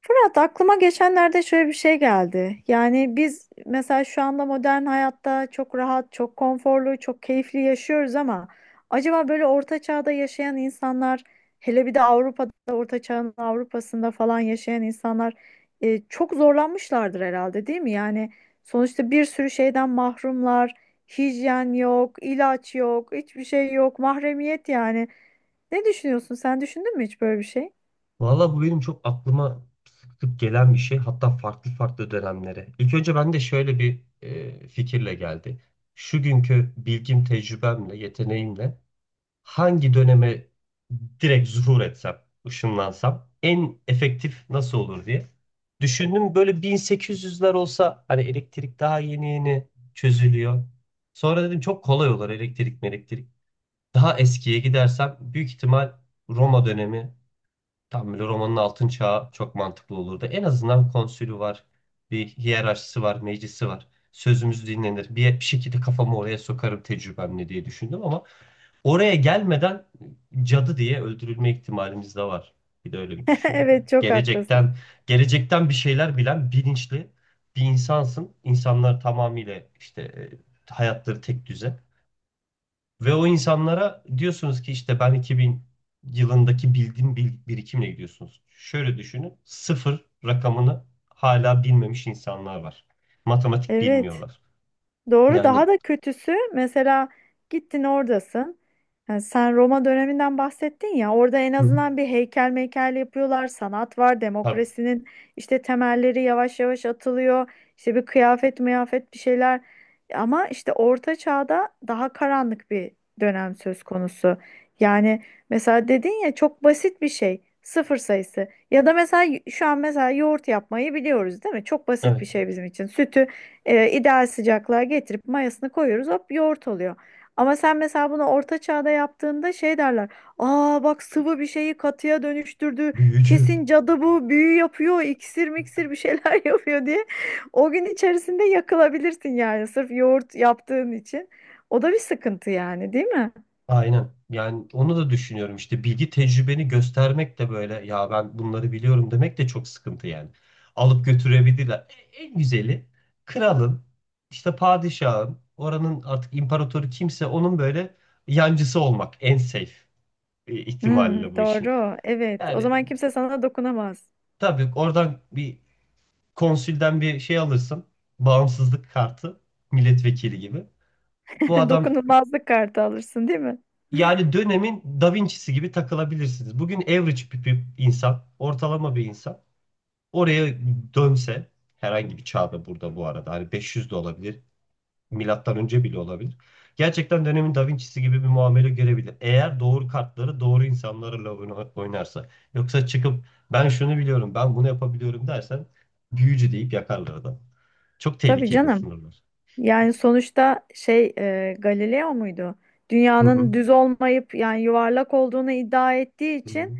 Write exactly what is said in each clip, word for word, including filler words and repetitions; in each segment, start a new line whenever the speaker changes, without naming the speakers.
Fırat aklıma geçenlerde şöyle bir şey geldi. Yani biz mesela şu anda modern hayatta çok rahat, çok konforlu, çok keyifli yaşıyoruz ama acaba böyle orta çağda yaşayan insanlar, hele bir de Avrupa'da, orta çağın Avrupa'sında falan yaşayan insanlar e, çok zorlanmışlardır herhalde, değil mi? Yani sonuçta bir sürü şeyden mahrumlar, hijyen yok, ilaç yok, hiçbir şey yok, mahremiyet yani. Ne düşünüyorsun? Sen düşündün mü hiç böyle bir şey?
Valla bu benim çok aklıma sık sık gelen bir şey. Hatta farklı farklı dönemlere. İlk önce ben de şöyle bir e, fikirle geldi. Şu günkü bilgim, tecrübemle, yeteneğimle hangi döneme direkt zuhur etsem, ışınlansam en efektif nasıl olur diye. Düşündüm böyle bin sekiz yüzler olsa hani elektrik daha yeni yeni çözülüyor. Sonra dedim çok kolay olur elektrik elektrik. Daha eskiye gidersem büyük ihtimal Roma dönemi. Tam böyle romanın altın çağı çok mantıklı olurdu. En azından konsülü var, bir hiyerarşisi var, meclisi var. Sözümüz dinlenir. Bir, bir şekilde kafamı oraya sokarım tecrübemle diye düşündüm ama oraya gelmeden cadı diye öldürülme ihtimalimiz de var. Bir de öyle bir düşünün yani.
Evet, çok haklısın.
Gelecekten, gelecekten bir şeyler bilen bilinçli bir insansın. İnsanlar tamamıyla işte e, hayatları tek düze. Ve o insanlara diyorsunuz ki işte ben iki bin yılındaki bildiğim bil- birikimle gidiyorsunuz. Şöyle düşünün. Sıfır rakamını hala bilmemiş insanlar var. Matematik
Evet.
bilmiyorlar.
Doğru,
Yani.
daha da kötüsü mesela gittin oradasın. Yani sen Roma döneminden bahsettin ya, orada en
Hı hı.
azından bir heykel meykel yapıyorlar. Sanat var,
Tabii.
demokrasinin işte temelleri yavaş yavaş atılıyor. İşte bir kıyafet mıyafet bir şeyler. Ama işte orta çağda daha karanlık bir dönem söz konusu. Yani mesela dedin ya çok basit bir şey, sıfır sayısı. Ya da mesela y- şu an mesela yoğurt yapmayı biliyoruz değil mi? Çok basit
Evet.
bir şey bizim için. Sütü e, ideal sıcaklığa getirip mayasını koyuyoruz, hop yoğurt oluyor. Ama sen mesela bunu orta çağda yaptığında şey derler. Aa bak, sıvı bir şeyi katıya dönüştürdü.
Büyücü.
Kesin cadı, bu büyü yapıyor, iksir miksir bir şeyler yapıyor diye. O gün içerisinde yakılabilirsin yani, sırf yoğurt yaptığın için. O da bir sıkıntı yani, değil mi?
Aynen. Yani onu da düşünüyorum işte bilgi tecrübeni göstermek de böyle ya ben bunları biliyorum demek de çok sıkıntı yani. Alıp götürebilirler. E- En güzeli kralın işte padişahın oranın artık imparatoru kimse onun böyle yancısı olmak en safe e,
Hmm,
ihtimalle bu işin.
doğru, evet, o
Yani
zaman kimse sana dokunamaz.
tabii oradan bir konsülden bir şey alırsın bağımsızlık kartı milletvekili gibi. Bu adam.
Dokunulmazlık kartı alırsın değil mi?
Yani dönemin Da Vinci'si gibi takılabilirsiniz. Bugün average bir, bir insan, ortalama bir insan oraya dönse herhangi bir çağda burada bu arada hani beş yüz de olabilir, milattan önce bile olabilir. Gerçekten dönemin Da Vinci'si gibi bir muamele görebilir. Eğer doğru kartları doğru insanlarla oyna- oynarsa. Yoksa çıkıp ben şunu biliyorum, ben bunu yapabiliyorum dersen büyücü deyip yakarlar adam. Çok
Tabii
tehlikeli
canım.
sınırlar.
Yani sonuçta şey, e, Galileo muydu?
Hı hı.
Dünyanın düz olmayıp yani yuvarlak olduğunu iddia ettiği
Hı
için
hı.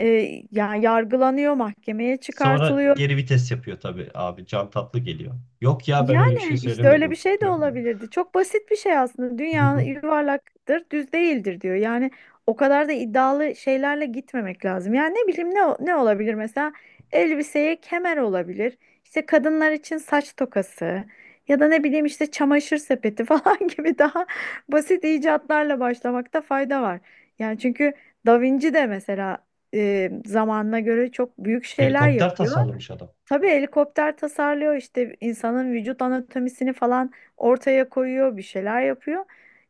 e, yani yargılanıyor, mahkemeye
Sonra
çıkartılıyor.
geri vites yapıyor tabii abi. Can Tatlı geliyor. Yok ya ben öyle bir şey
Yani işte öyle bir
söylemedim
şey de
falan diyor.
olabilirdi. Çok basit bir şey aslında.
Hı
Dünya
hı.
yuvarlaktır, düz değildir diyor. Yani o kadar da iddialı şeylerle gitmemek lazım. Yani ne bileyim, ne o- ne olabilir mesela, elbiseye kemer olabilir. İşte kadınlar için saç tokası ya da ne bileyim işte çamaşır sepeti falan gibi daha basit icatlarla başlamakta fayda var. Yani çünkü Da Vinci de mesela e, zamanına göre çok büyük şeyler
Helikopter
yapıyor.
tasarlamış adam.
Tabii helikopter tasarlıyor, işte insanın vücut anatomisini falan ortaya koyuyor, bir şeyler yapıyor.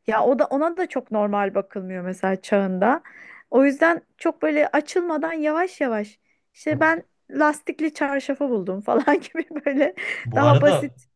Ya o da, ona da çok normal bakılmıyor mesela çağında. O yüzden çok böyle açılmadan yavaş yavaş işte
Evet.
ben lastikli çarşafı buldum falan gibi böyle
Bu
daha
arada
basit.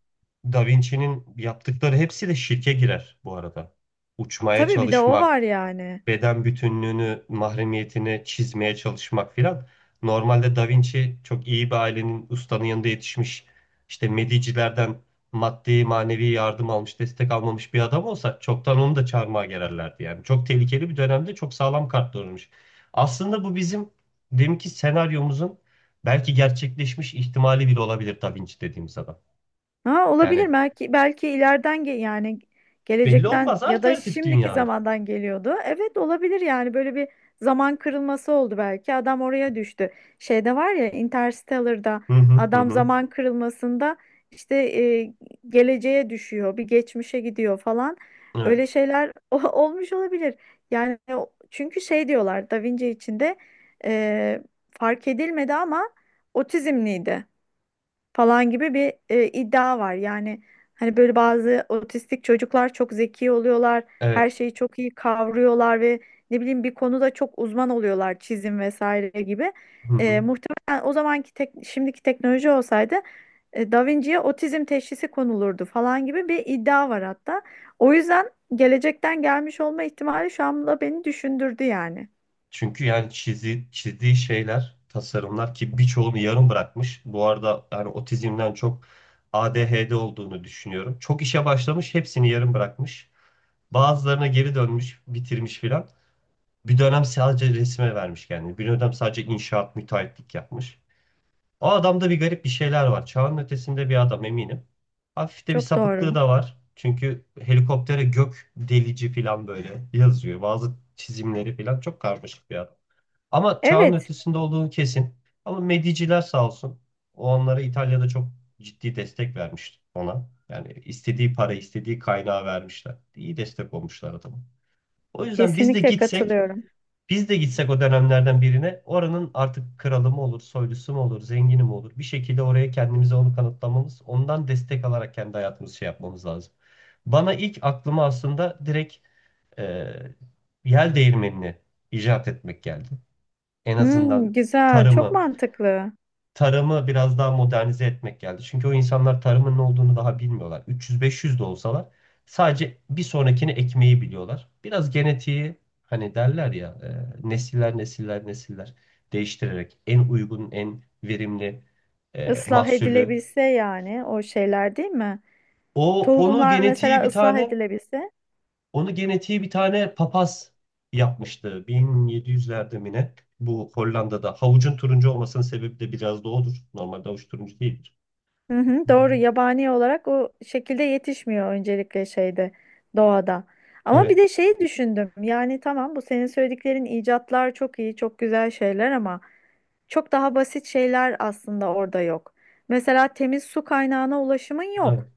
Da Vinci'nin yaptıkları hepsi de şirke girer bu arada. Uçmaya
Tabii bir de o var
çalışmak,
yani.
beden bütünlüğünü, mahremiyetini çizmeye çalışmak filan. Normalde Da Vinci çok iyi bir ailenin ustanın yanında yetişmiş, işte Medici'lerden maddi manevi yardım almış, destek almamış bir adam olsa çoktan onu da çarmıha gererlerdi yani. Çok tehlikeli bir dönemde çok sağlam kartlanmış. Aslında bu bizim deminki senaryomuzun belki gerçekleşmiş ihtimali bile olabilir Da Vinci dediğimiz adam.
Ha,
Yani
olabilir belki, belki ileriden ge- yani
belli
gelecekten
olmaz
ya da
alternatif
şimdiki
dünya.
zamandan geliyordu. Evet olabilir, yani böyle bir zaman kırılması oldu belki. Adam oraya düştü. Şeyde var ya, Interstellar'da
Hı hı hı.
adam
hı.
zaman kırılmasında işte e, geleceğe düşüyor, bir geçmişe gidiyor falan.
Evet.
Öyle şeyler o- olmuş olabilir. Yani o- çünkü şey diyorlar, Da Vinci içinde e, fark edilmedi ama otizmliydi falan gibi bir e, iddia var. Yani hani böyle bazı otistik çocuklar çok zeki oluyorlar, her
Evet.
şeyi çok iyi kavruyorlar ve ne bileyim bir konuda çok uzman oluyorlar, çizim vesaire gibi.
Hı
E,
hı.
muhtemelen o zamanki tek, şimdiki teknoloji olsaydı e, Da Vinci'ye otizm teşhisi konulurdu falan gibi bir iddia var hatta. O yüzden gelecekten gelmiş olma ihtimali şu anda beni düşündürdü yani.
Çünkü yani çizi, çizdiği şeyler, tasarımlar ki birçoğunu yarım bırakmış. Bu arada yani otizmden çok A D H D olduğunu düşünüyorum. Çok işe başlamış, hepsini yarım bırakmış. Bazılarına geri dönmüş, bitirmiş filan. Bir dönem sadece resme vermiş kendini. Bir dönem sadece inşaat, müteahhitlik yapmış. O adamda bir garip bir şeyler var. Çağın ötesinde bir adam eminim. Hafif de bir
Çok
sapıklığı
doğru.
da var. Çünkü helikoptere gök delici filan böyle yazıyor. Bazı çizimleri filan çok karmaşık bir adam. Ama çağın
Evet,
ötesinde olduğunu kesin. Ama Mediciler sağ olsun. O onlara İtalya'da çok ciddi destek vermişti ona. Yani istediği para, istediği kaynağı vermişler. İyi destek olmuşlar adama. O yüzden biz de
kesinlikle
gitsek,
katılıyorum.
biz de gitsek o dönemlerden birine oranın artık kralı mı olur, soylusu mu olur, zengini mi olur? Bir şekilde oraya kendimize onu kanıtlamamız, ondan destek alarak kendi hayatımızı şey yapmamız lazım. Bana ilk aklıma aslında direkt e, yel değirmenini icat etmek geldi en
Hmm,
azından
güzel, çok
tarımı
mantıklı.
tarımı biraz daha modernize etmek geldi. Çünkü o insanlar tarımın ne olduğunu daha bilmiyorlar. üç yüz beş yüz de olsalar sadece bir sonrakini ekmeği biliyorlar. Biraz genetiği hani derler ya e, nesiller nesiller nesiller değiştirerek en uygun en verimli e,
Islah
mahsulü.
edilebilse yani, o şeyler değil mi?
O onu
Tohumlar
genetiği
mesela
bir
ıslah
tane
edilebilse.
Onu genetiği bir tane papaz yapmıştı bin yedi yüzlerde mi ne? Bu Hollanda'da. Havucun turuncu olmasının sebebi de biraz da odur. Normalde havuç turuncu değildir.
Hı hı,
Hı hı.
doğru, yabani olarak o şekilde yetişmiyor öncelikle şeyde, doğada. Ama bir
Evet,
de şeyi düşündüm. Yani tamam, bu senin söylediklerin icatlar çok iyi, çok güzel şeyler ama çok daha basit şeyler aslında orada yok. Mesela temiz su kaynağına ulaşımın yok.
evet.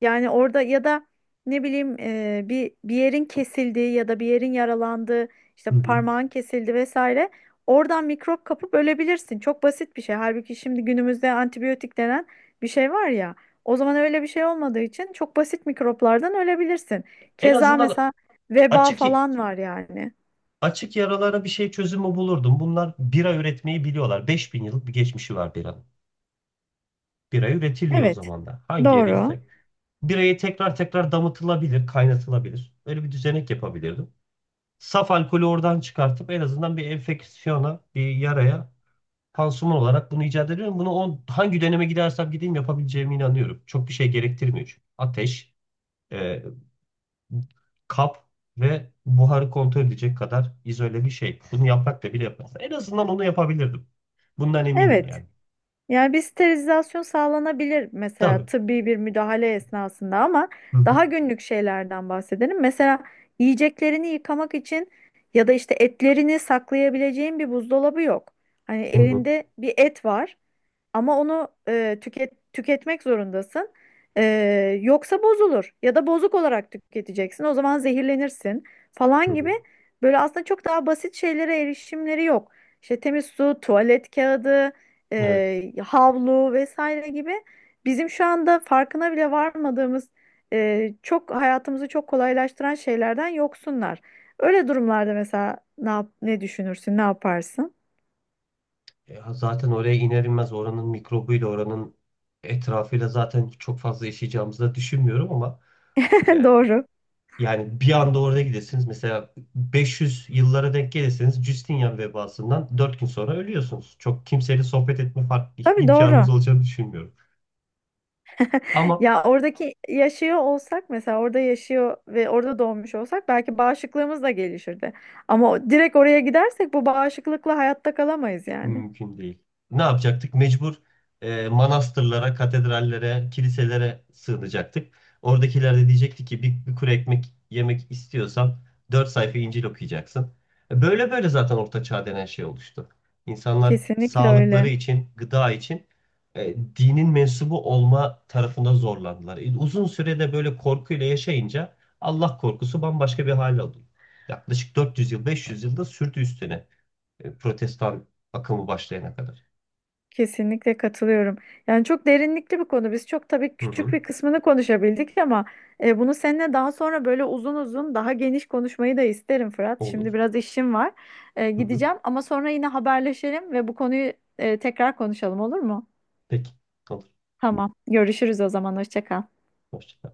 Yani orada ya da ne bileyim e, bir bir yerin kesildiği ya da bir yerin yaralandığı işte
Hı hı.
parmağın kesildi vesaire, oradan mikrop kapıp ölebilirsin. Çok basit bir şey. Halbuki şimdi günümüzde antibiyotik denen bir şey var ya. O zaman öyle bir şey olmadığı için çok basit mikroplardan ölebilirsin.
En
Keza
azından
mesela veba
açık
falan var yani.
açık yaralara bir şey çözümü bulurdum. Bunlar bira üretmeyi biliyorlar. beş bin yıllık bir geçmişi var biranın. Bira üretiliyor o
Evet,
zaman da. Hangi
doğru.
yeriysek. Birayı tekrar tekrar damıtılabilir, kaynatılabilir. Öyle bir düzenek yapabilirdim. Saf alkolü oradan çıkartıp en azından bir enfeksiyona, bir yaraya pansuman olarak bunu icat ediyorum. Bunu on, hangi döneme gidersem gideyim yapabileceğime inanıyorum. Çok bir şey gerektirmiyor çünkü. Ateş, e, kap ve buharı kontrol edecek kadar izole bir şey. Bunu yaprak da bile yapmaz. En azından onu yapabilirdim. Bundan eminim
Evet.
yani.
Yani bir sterilizasyon sağlanabilir mesela
Tabii.
tıbbi bir müdahale esnasında ama
Hı hı.
daha günlük şeylerden bahsedelim. Mesela yiyeceklerini yıkamak için ya da işte etlerini saklayabileceğin bir buzdolabı yok. Hani
Hı hı.
elinde bir et var ama onu e, tüket, tüketmek zorundasın. E, yoksa bozulur ya da bozuk olarak tüketeceksin. O zaman zehirlenirsin
Hı
falan gibi,
hı.
böyle aslında çok daha basit şeylere erişimleri yok. İşte temiz su, tuvalet kağıdı,
Evet.
e, havlu vesaire gibi bizim şu anda farkına bile varmadığımız, e, çok hayatımızı çok kolaylaştıran şeylerden yoksunlar. Öyle durumlarda mesela ne yap- ne düşünürsün, ne yaparsın?
Ya zaten oraya iner inmez oranın mikrobuyla oranın etrafıyla zaten çok fazla yaşayacağımızı da düşünmüyorum ama e,
Doğru.
yani bir anda orada gidesiniz. Mesela beş yüz yıllara denk gelirseniz Justinian vebasından dört gün sonra ölüyorsunuz. Çok kimseyle sohbet etme fark,
Tabii
imkanınız
doğru.
olacağını düşünmüyorum. Ama
Ya oradaki yaşıyor olsak mesela, orada yaşıyor ve orada doğmuş olsak belki bağışıklığımız da gelişirdi. Ama o- direkt oraya gidersek bu bağışıklıkla hayatta kalamayız yani.
Mümkün değil. Ne yapacaktık? Mecbur e, manastırlara, katedrallere, kiliselere sığınacaktık. Oradakiler de diyecekti ki bir, bir kuru ekmek yemek istiyorsan dört sayfa İncil okuyacaksın. E, Böyle böyle zaten Orta Çağ denen şey oluştu. İnsanlar
Kesinlikle
sağlıkları
öyle.
için, gıda için e, dinin mensubu olma tarafında zorlandılar. E, uzun sürede böyle korkuyla yaşayınca Allah korkusu bambaşka bir hale alıyor. Yaklaşık dört yüz yıl, beş yüz yılda sürdü üstüne e, protestan akımı başlayana kadar.
Kesinlikle katılıyorum. Yani çok derinlikli bir konu. Biz çok tabii
Hı
küçük
hı.
bir kısmını konuşabildik ama e, bunu seninle daha sonra böyle uzun uzun daha geniş konuşmayı da isterim Fırat.
Olur.
Şimdi biraz işim var. E,
Hı hı.
gideceğim ama sonra yine haberleşelim ve bu konuyu e, tekrar konuşalım olur mu?
Peki. Olur.
Tamam. Görüşürüz o zaman. Hoşça kal.
Hoşça kal.